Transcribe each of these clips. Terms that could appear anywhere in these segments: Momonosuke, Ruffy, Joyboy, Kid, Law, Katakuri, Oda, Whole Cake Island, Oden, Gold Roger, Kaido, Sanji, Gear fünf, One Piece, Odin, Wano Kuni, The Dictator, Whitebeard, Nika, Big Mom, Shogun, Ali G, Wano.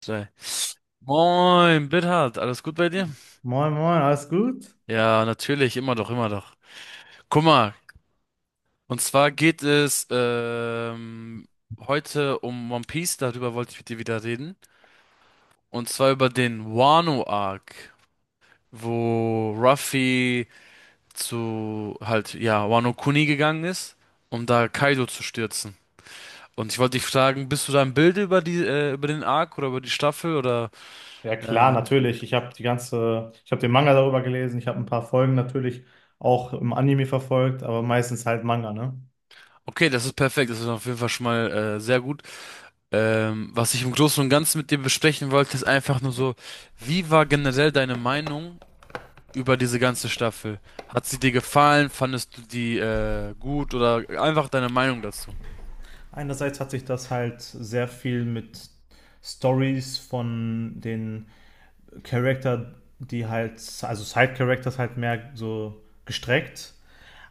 Zwei. Moin, Bithard, alles gut bei dir? Moin, moin, alles gut? Ja, natürlich, immer doch, immer doch. Guck mal, und zwar geht es heute um One Piece, darüber wollte ich mit dir wieder reden. Und zwar über den Wano-Arc, wo Ruffy zu halt, ja, Wano Kuni gegangen ist, um da Kaido zu stürzen. Und ich wollte dich fragen, bist du da im Bilde über über den Arc oder über die Staffel oder Ja klar, äh, natürlich. Ich habe den Manga darüber gelesen, ich habe ein paar Folgen natürlich auch im Anime verfolgt, aber meistens halt Manga, ne? okay, das ist perfekt, das ist auf jeden Fall schon mal sehr gut. Was ich im Großen und Ganzen mit dir besprechen wollte, ist einfach nur so, wie war generell deine Meinung über diese ganze Staffel? Hat sie dir gefallen? Fandest du die gut oder einfach deine Meinung dazu? Einerseits hat sich das halt sehr viel mit Stories von den Charakter, die halt, also Side-Characters halt mehr so gestreckt.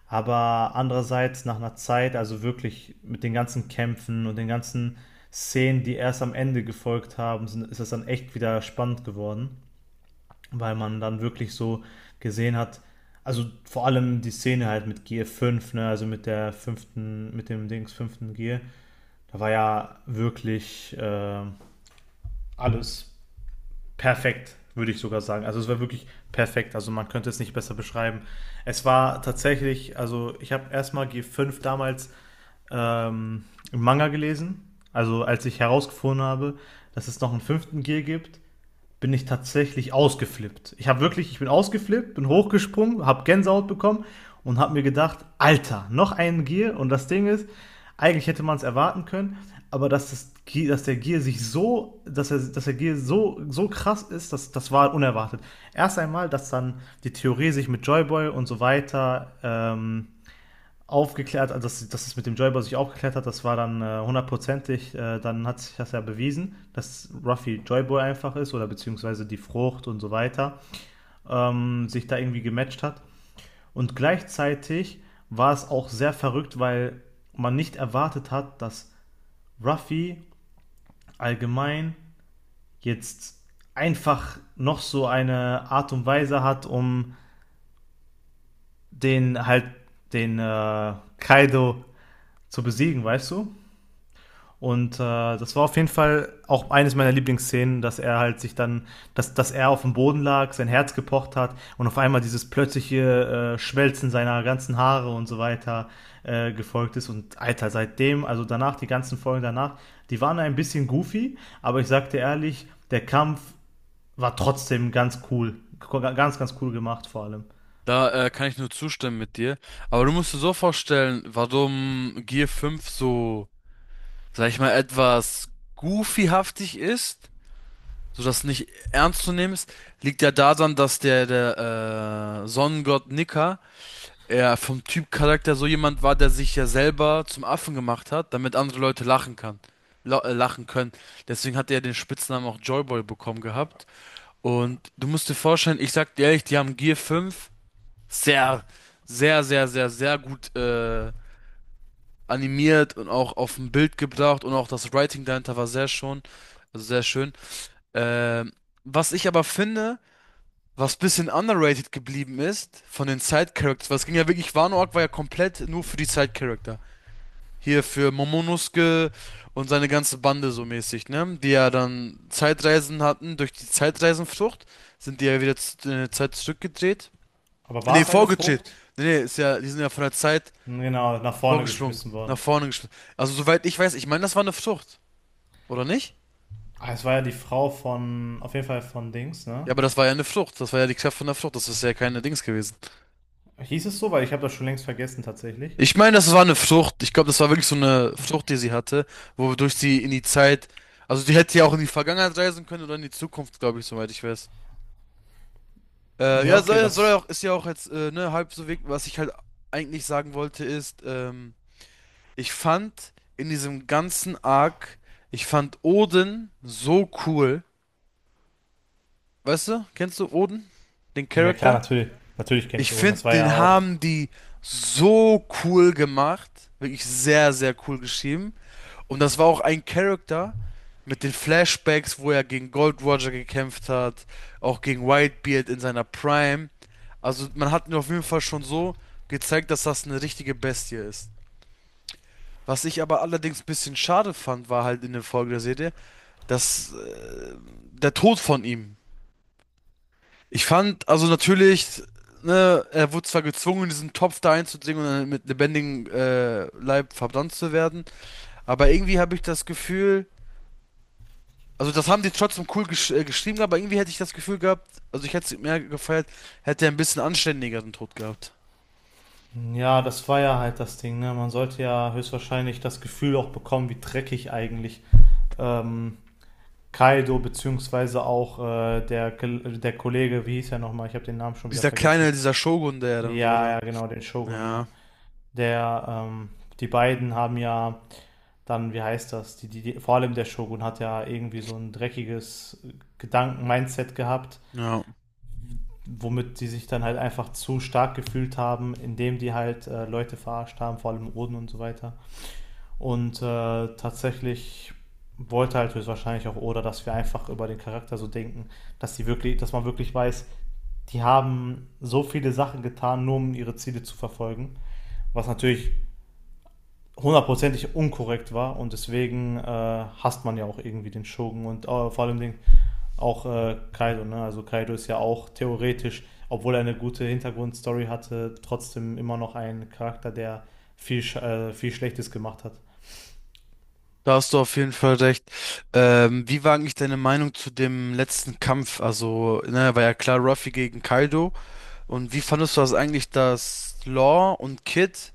Aber andererseits nach einer Zeit, also wirklich mit den ganzen Kämpfen und den ganzen Szenen, die erst am Ende gefolgt haben, ist es dann echt wieder spannend geworden, weil man dann wirklich so gesehen hat, also vor allem die Szene halt mit g 5, ne, also mit der fünften, mit dem Dings fünften Gear. Da war ja wirklich alles perfekt, würde ich sogar sagen. Also es war wirklich perfekt, also man könnte es nicht besser beschreiben. Es war tatsächlich, also ich habe erstmal g 5 damals ähm, einen Manga gelesen. Also als ich herausgefunden habe, dass es noch einen fünften Gear gibt, bin ich tatsächlich ausgeflippt. Ich bin ausgeflippt, bin hochgesprungen, habe Gänsehaut bekommen und habe mir gedacht, Alter, noch einen Gear. Und das Ding ist, eigentlich hätte man es erwarten können, aber dass der Gear sich so, dass, er, dass der Gear so, so krass ist, das war unerwartet. Erst einmal, dass dann die Theorie sich mit Joyboy und so weiter aufgeklärt, also dass es mit dem Joyboy sich aufgeklärt hat, das war dann hundertprozentig, dann hat sich das ja bewiesen, dass Ruffy Joyboy einfach ist oder beziehungsweise die Frucht und so weiter sich da irgendwie gematcht hat. Und gleichzeitig war es auch sehr verrückt, weil man nicht erwartet hat, dass Ruffy allgemein jetzt einfach noch so eine Art und Weise hat, um den halt den Kaido zu besiegen, weißt du? Und das war auf jeden Fall auch eines meiner Lieblingsszenen, dass er halt sich dann, dass er auf dem Boden lag, sein Herz gepocht hat und auf einmal dieses plötzliche Schmelzen seiner ganzen Haare und so weiter gefolgt ist. Und Alter, seitdem, also danach, die ganzen Folgen danach, die waren ein bisschen goofy, aber ich sagte ehrlich, der Kampf war trotzdem ganz cool. Ganz, ganz cool gemacht vor allem. Da kann ich nur zustimmen mit dir. Aber du musst dir so vorstellen, warum Gear fünf so, sag ich mal, etwas goofyhaftig ist, sodass nicht ernst zu nehmen ist, liegt ja daran, dass der Sonnengott Nika er vom Typ Charakter so jemand war, der sich ja selber zum Affen gemacht hat, damit andere Leute lachen kann, lachen können. Deswegen hat er den Spitznamen auch Joyboy bekommen gehabt. Und du musst dir vorstellen, ich sag dir ehrlich, die haben Gear fünf sehr, sehr, sehr, sehr, sehr gut animiert und auch auf ein Bild gebracht und auch das Writing dahinter war sehr schon, also sehr schön. Ähm, Was ich aber finde, was bisschen underrated geblieben ist von den Side-Characters, was ging ja wirklich, Wano Arc war ja komplett nur für die Side-Character. Hier für Momonosuke und seine ganze Bande so mäßig, ne? Die ja dann Zeitreisen hatten. Durch die Zeitreisenfrucht sind die ja wieder in der Zeit zurückgedreht. Aber war Nee, es eine vorgedreht. Frucht? Nee, nee, ist ja, die sind ja von der Zeit Genau, nach vorne vorgesprungen, geschmissen nach worden. vorne gesprungen. Also soweit ich weiß, ich meine, das war eine Frucht, oder nicht? Ah, es war ja die Frau von, auf jeden Fall von Dings, ne? Ja, aber das war ja eine Frucht. Das war ja die Kraft von der Frucht. Das ist ja keine Dings gewesen. Hieß es so? Weil ich habe das schon längst vergessen tatsächlich. Ich meine, das war eine Frucht. Ich glaube, das war wirklich so eine Frucht, die sie hatte, wodurch sie in die Zeit, also die hätte ja auch in die Vergangenheit reisen können oder in die Zukunft, glaube ich, soweit ich weiß. Ja, Ja, okay, soll ja das. auch, ist ja auch jetzt ne, halb so weg. Was ich halt eigentlich sagen wollte, ist, ich fand in diesem ganzen Arc, ich fand Odin so cool. Weißt du, kennst du Odin? Den Ja klar, Charakter? natürlich. Natürlich kenne ich Ich Oden. finde, Das war ja den auch. haben die so cool gemacht. Wirklich sehr, sehr cool geschrieben. Und das war auch ein Charakter mit den Flashbacks, wo er gegen Gold Roger gekämpft hat, auch gegen Whitebeard in seiner Prime. Also man hat mir auf jeden Fall schon so gezeigt, dass das eine richtige Bestie ist. Was ich aber allerdings ein bisschen schade fand, war halt in der Folge der Serie, dass der Tod von ihm. Ich fand, also natürlich, ne, er wurde zwar gezwungen, in diesen Topf da einzudringen und dann mit lebendigem Leib verbrannt zu werden, aber irgendwie habe ich das Gefühl, also das haben die trotzdem cool geschrieben, aber irgendwie hätte ich das Gefühl gehabt, also ich hätte es mehr gefeiert, hätte er ein bisschen anständigeren Tod gehabt. Ja, das war ja halt das Ding, ne? Man sollte ja höchstwahrscheinlich das Gefühl auch bekommen, wie dreckig eigentlich ähm, Kaido beziehungsweise auch der, der Kollege, wie hieß er nochmal? Ich habe den Namen schon wieder Dieser kleine, vergessen. dieser Shogun, der er dann Ja, wurde. ja, genau, den Shogun, ja. Ja, Der, die beiden haben ja dann, wie heißt das? Die, vor allem der Shogun hat ja irgendwie so ein dreckiges Gedanken-Mindset gehabt, ja. womit die sich dann halt einfach zu stark gefühlt haben, indem die halt Leute verarscht haben, vor allem Oden und so weiter. Und tatsächlich wollte halt höchstwahrscheinlich auch Oda, dass wir einfach über den Charakter so denken, dass die wirklich, dass man wirklich weiß, die haben so viele Sachen getan, nur um ihre Ziele zu verfolgen, was natürlich hundertprozentig unkorrekt war, und deswegen hasst man ja auch irgendwie den Shogun und vor allem den auch Kaido, ne? Also Kaido ist ja auch theoretisch, obwohl er eine gute Hintergrundstory hatte, trotzdem immer noch ein Charakter, der viel, viel Schlechtes gemacht hat. Da hast du auf jeden Fall recht. Wie war eigentlich deine Meinung zu dem letzten Kampf? Also, ne, war ja klar Ruffy gegen Kaido. Und wie fandest du das eigentlich, dass Law und Kid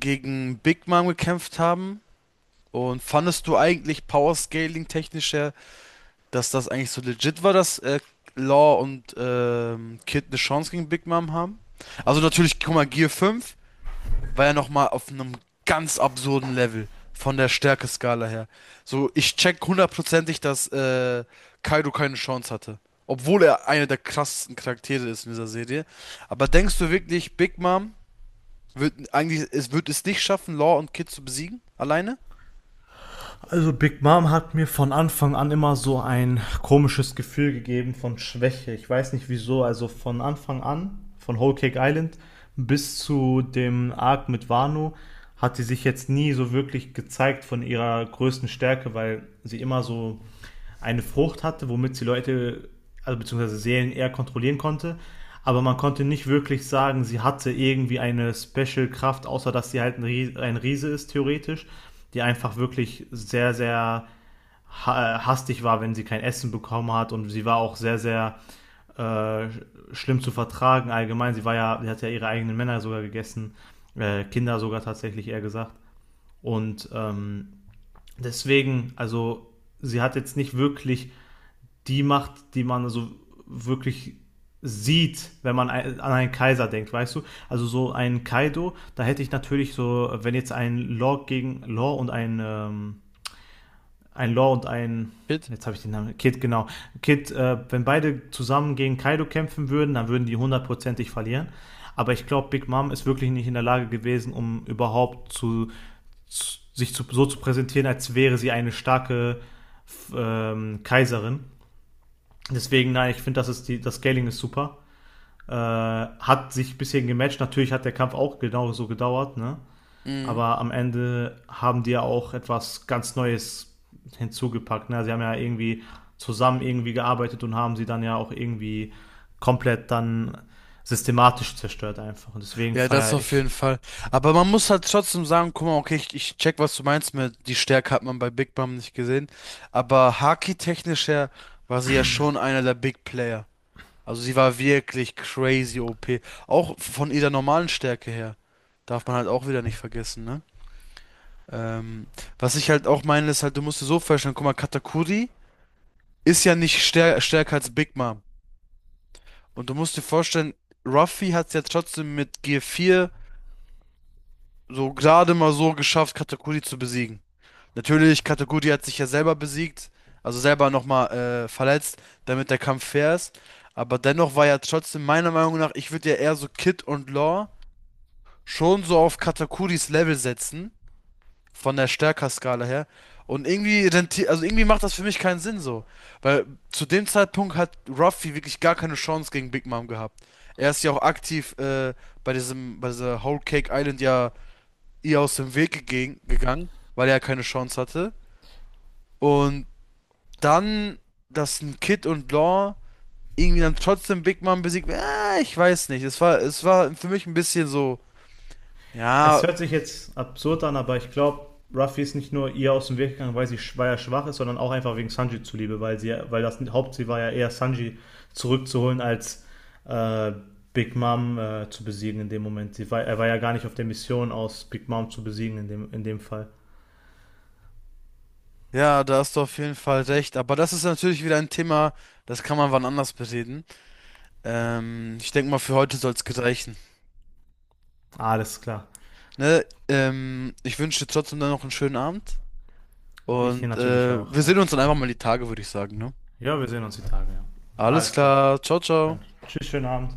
gegen Big Mom gekämpft haben? Und fandest du eigentlich Power Scaling technisch her, dass das eigentlich so legit war, dass Law und Kid eine Chance gegen Big Mom haben. Also natürlich, guck mal, Gear fünf war ja nochmal auf einem ganz absurden Level von der Stärkeskala her. So, ich check hundertprozentig, dass Kaido keine Chance hatte. Obwohl er einer der krassesten Charaktere ist in dieser Serie. Aber denkst du wirklich, Big Mom wird eigentlich, es wird es nicht schaffen, Law und Kid zu besiegen? Alleine? Also Big Mom hat mir von Anfang an immer so ein komisches Gefühl gegeben von Schwäche. Ich weiß nicht wieso. Also von Anfang an, von Whole Cake Island bis zu dem Arc mit Wano, hat sie sich jetzt nie so wirklich gezeigt von ihrer größten Stärke, weil sie immer so eine Frucht hatte, womit sie Leute, also beziehungsweise Seelen eher kontrollieren konnte. Aber man konnte nicht wirklich sagen, sie hatte irgendwie eine Special-Kraft, außer dass sie halt ein ein Riese ist, theoretisch, die einfach wirklich sehr, sehr hastig war, wenn sie kein Essen bekommen hat. Und sie war auch sehr, sehr äh, schlimm zu vertragen allgemein. Sie war ja, sie hat ja ihre eigenen Männer sogar gegessen, Kinder sogar tatsächlich eher gesagt. Und deswegen, also sie hat jetzt nicht wirklich die macht, die man so wirklich sieht, wenn man an einen Kaiser denkt, weißt du? Also so ein Kaido, da hätte ich natürlich so, wenn jetzt ein Law gegen Law und ein Law und Kid? jetzt habe ich den Namen, Kid, genau, Kid, wenn beide zusammen gegen Kaido kämpfen würden, dann würden die hundertprozentig verlieren. Aber ich glaube, Big Mom ist wirklich nicht in der Lage gewesen, um überhaupt zu, sich zu, so zu präsentieren, als wäre sie eine starke Kaiserin. Deswegen, nein, ich finde, das Scaling ist super. Hat sich bisher gematcht. Natürlich hat der Kampf auch genau so gedauert, ne? Mhm. Aber am Ende haben die ja auch etwas ganz Neues hinzugepackt. Ne? Sie haben ja irgendwie zusammen irgendwie gearbeitet und haben sie dann ja auch irgendwie komplett dann systematisch zerstört einfach. Und deswegen Ja, das feiere auf ich. jeden Fall. Aber man muss halt trotzdem sagen, guck mal, okay, ich check, was du meinst mit, die Stärke hat man bei Big Bam nicht gesehen. Aber Haki-technisch her war sie ja schon einer der Big Player. Also sie war wirklich crazy OP. Auch von ihrer normalen Stärke her. Darf man halt auch wieder nicht vergessen, ne? Ähm, Was ich halt auch meine, ist halt, du musst dir so vorstellen, guck mal, Katakuri ist ja nicht stärker als Big Mom. Und du musst dir vorstellen, Ruffy hat es ja trotzdem mit g vier so gerade mal so geschafft, Katakuri zu besiegen. Natürlich, Katakuri hat sich ja selber besiegt, also selber nochmal verletzt, damit der Kampf fair ist. Aber dennoch war ja trotzdem meiner Meinung nach, ich würde ja eher so Kid und Law schon so auf Katakuris Level setzen, von der Stärkerskala her. Und irgendwie rentiert, also irgendwie macht das für mich keinen Sinn so. Weil zu dem Zeitpunkt hat Ruffy wirklich gar keine Chance gegen Big Mom gehabt. Er ist ja auch aktiv bei bei dieser Whole Cake Island ja ihr aus dem Weg gegangen, weil er ja keine Chance hatte. Und dann, dass ein Kid und Law irgendwie dann trotzdem Big Mom besiegt, ich weiß nicht. Es war für mich ein bisschen so, Es ja, hört sich jetzt absurd an, aber ich glaube, Ruffy ist nicht nur ihr aus dem Weg gegangen, weil er schwach ist, sondern auch einfach wegen Sanji zuliebe, weil das Hauptziel war ja eher Sanji zurückzuholen als äh, Big Mom zu besiegen in dem Moment. Er war ja gar nicht auf der Mission aus Big Mom zu besiegen in in dem Fall. ja, da hast du auf jeden Fall recht. Aber das ist natürlich wieder ein Thema, das kann man wann anders bereden. Ich denke mal, für heute soll es gereichen. Alles klar. Ne? Ich wünsche dir trotzdem dann noch einen schönen Abend. Ich den Und natürlich auch, wir ja. sehen uns dann einfach mal die Tage, würde ich sagen, ne? Ja, wir sehen uns die Tage, ja. Alles Alles klar. klar, ciao, Dann ciao. tschüss, schönen Abend.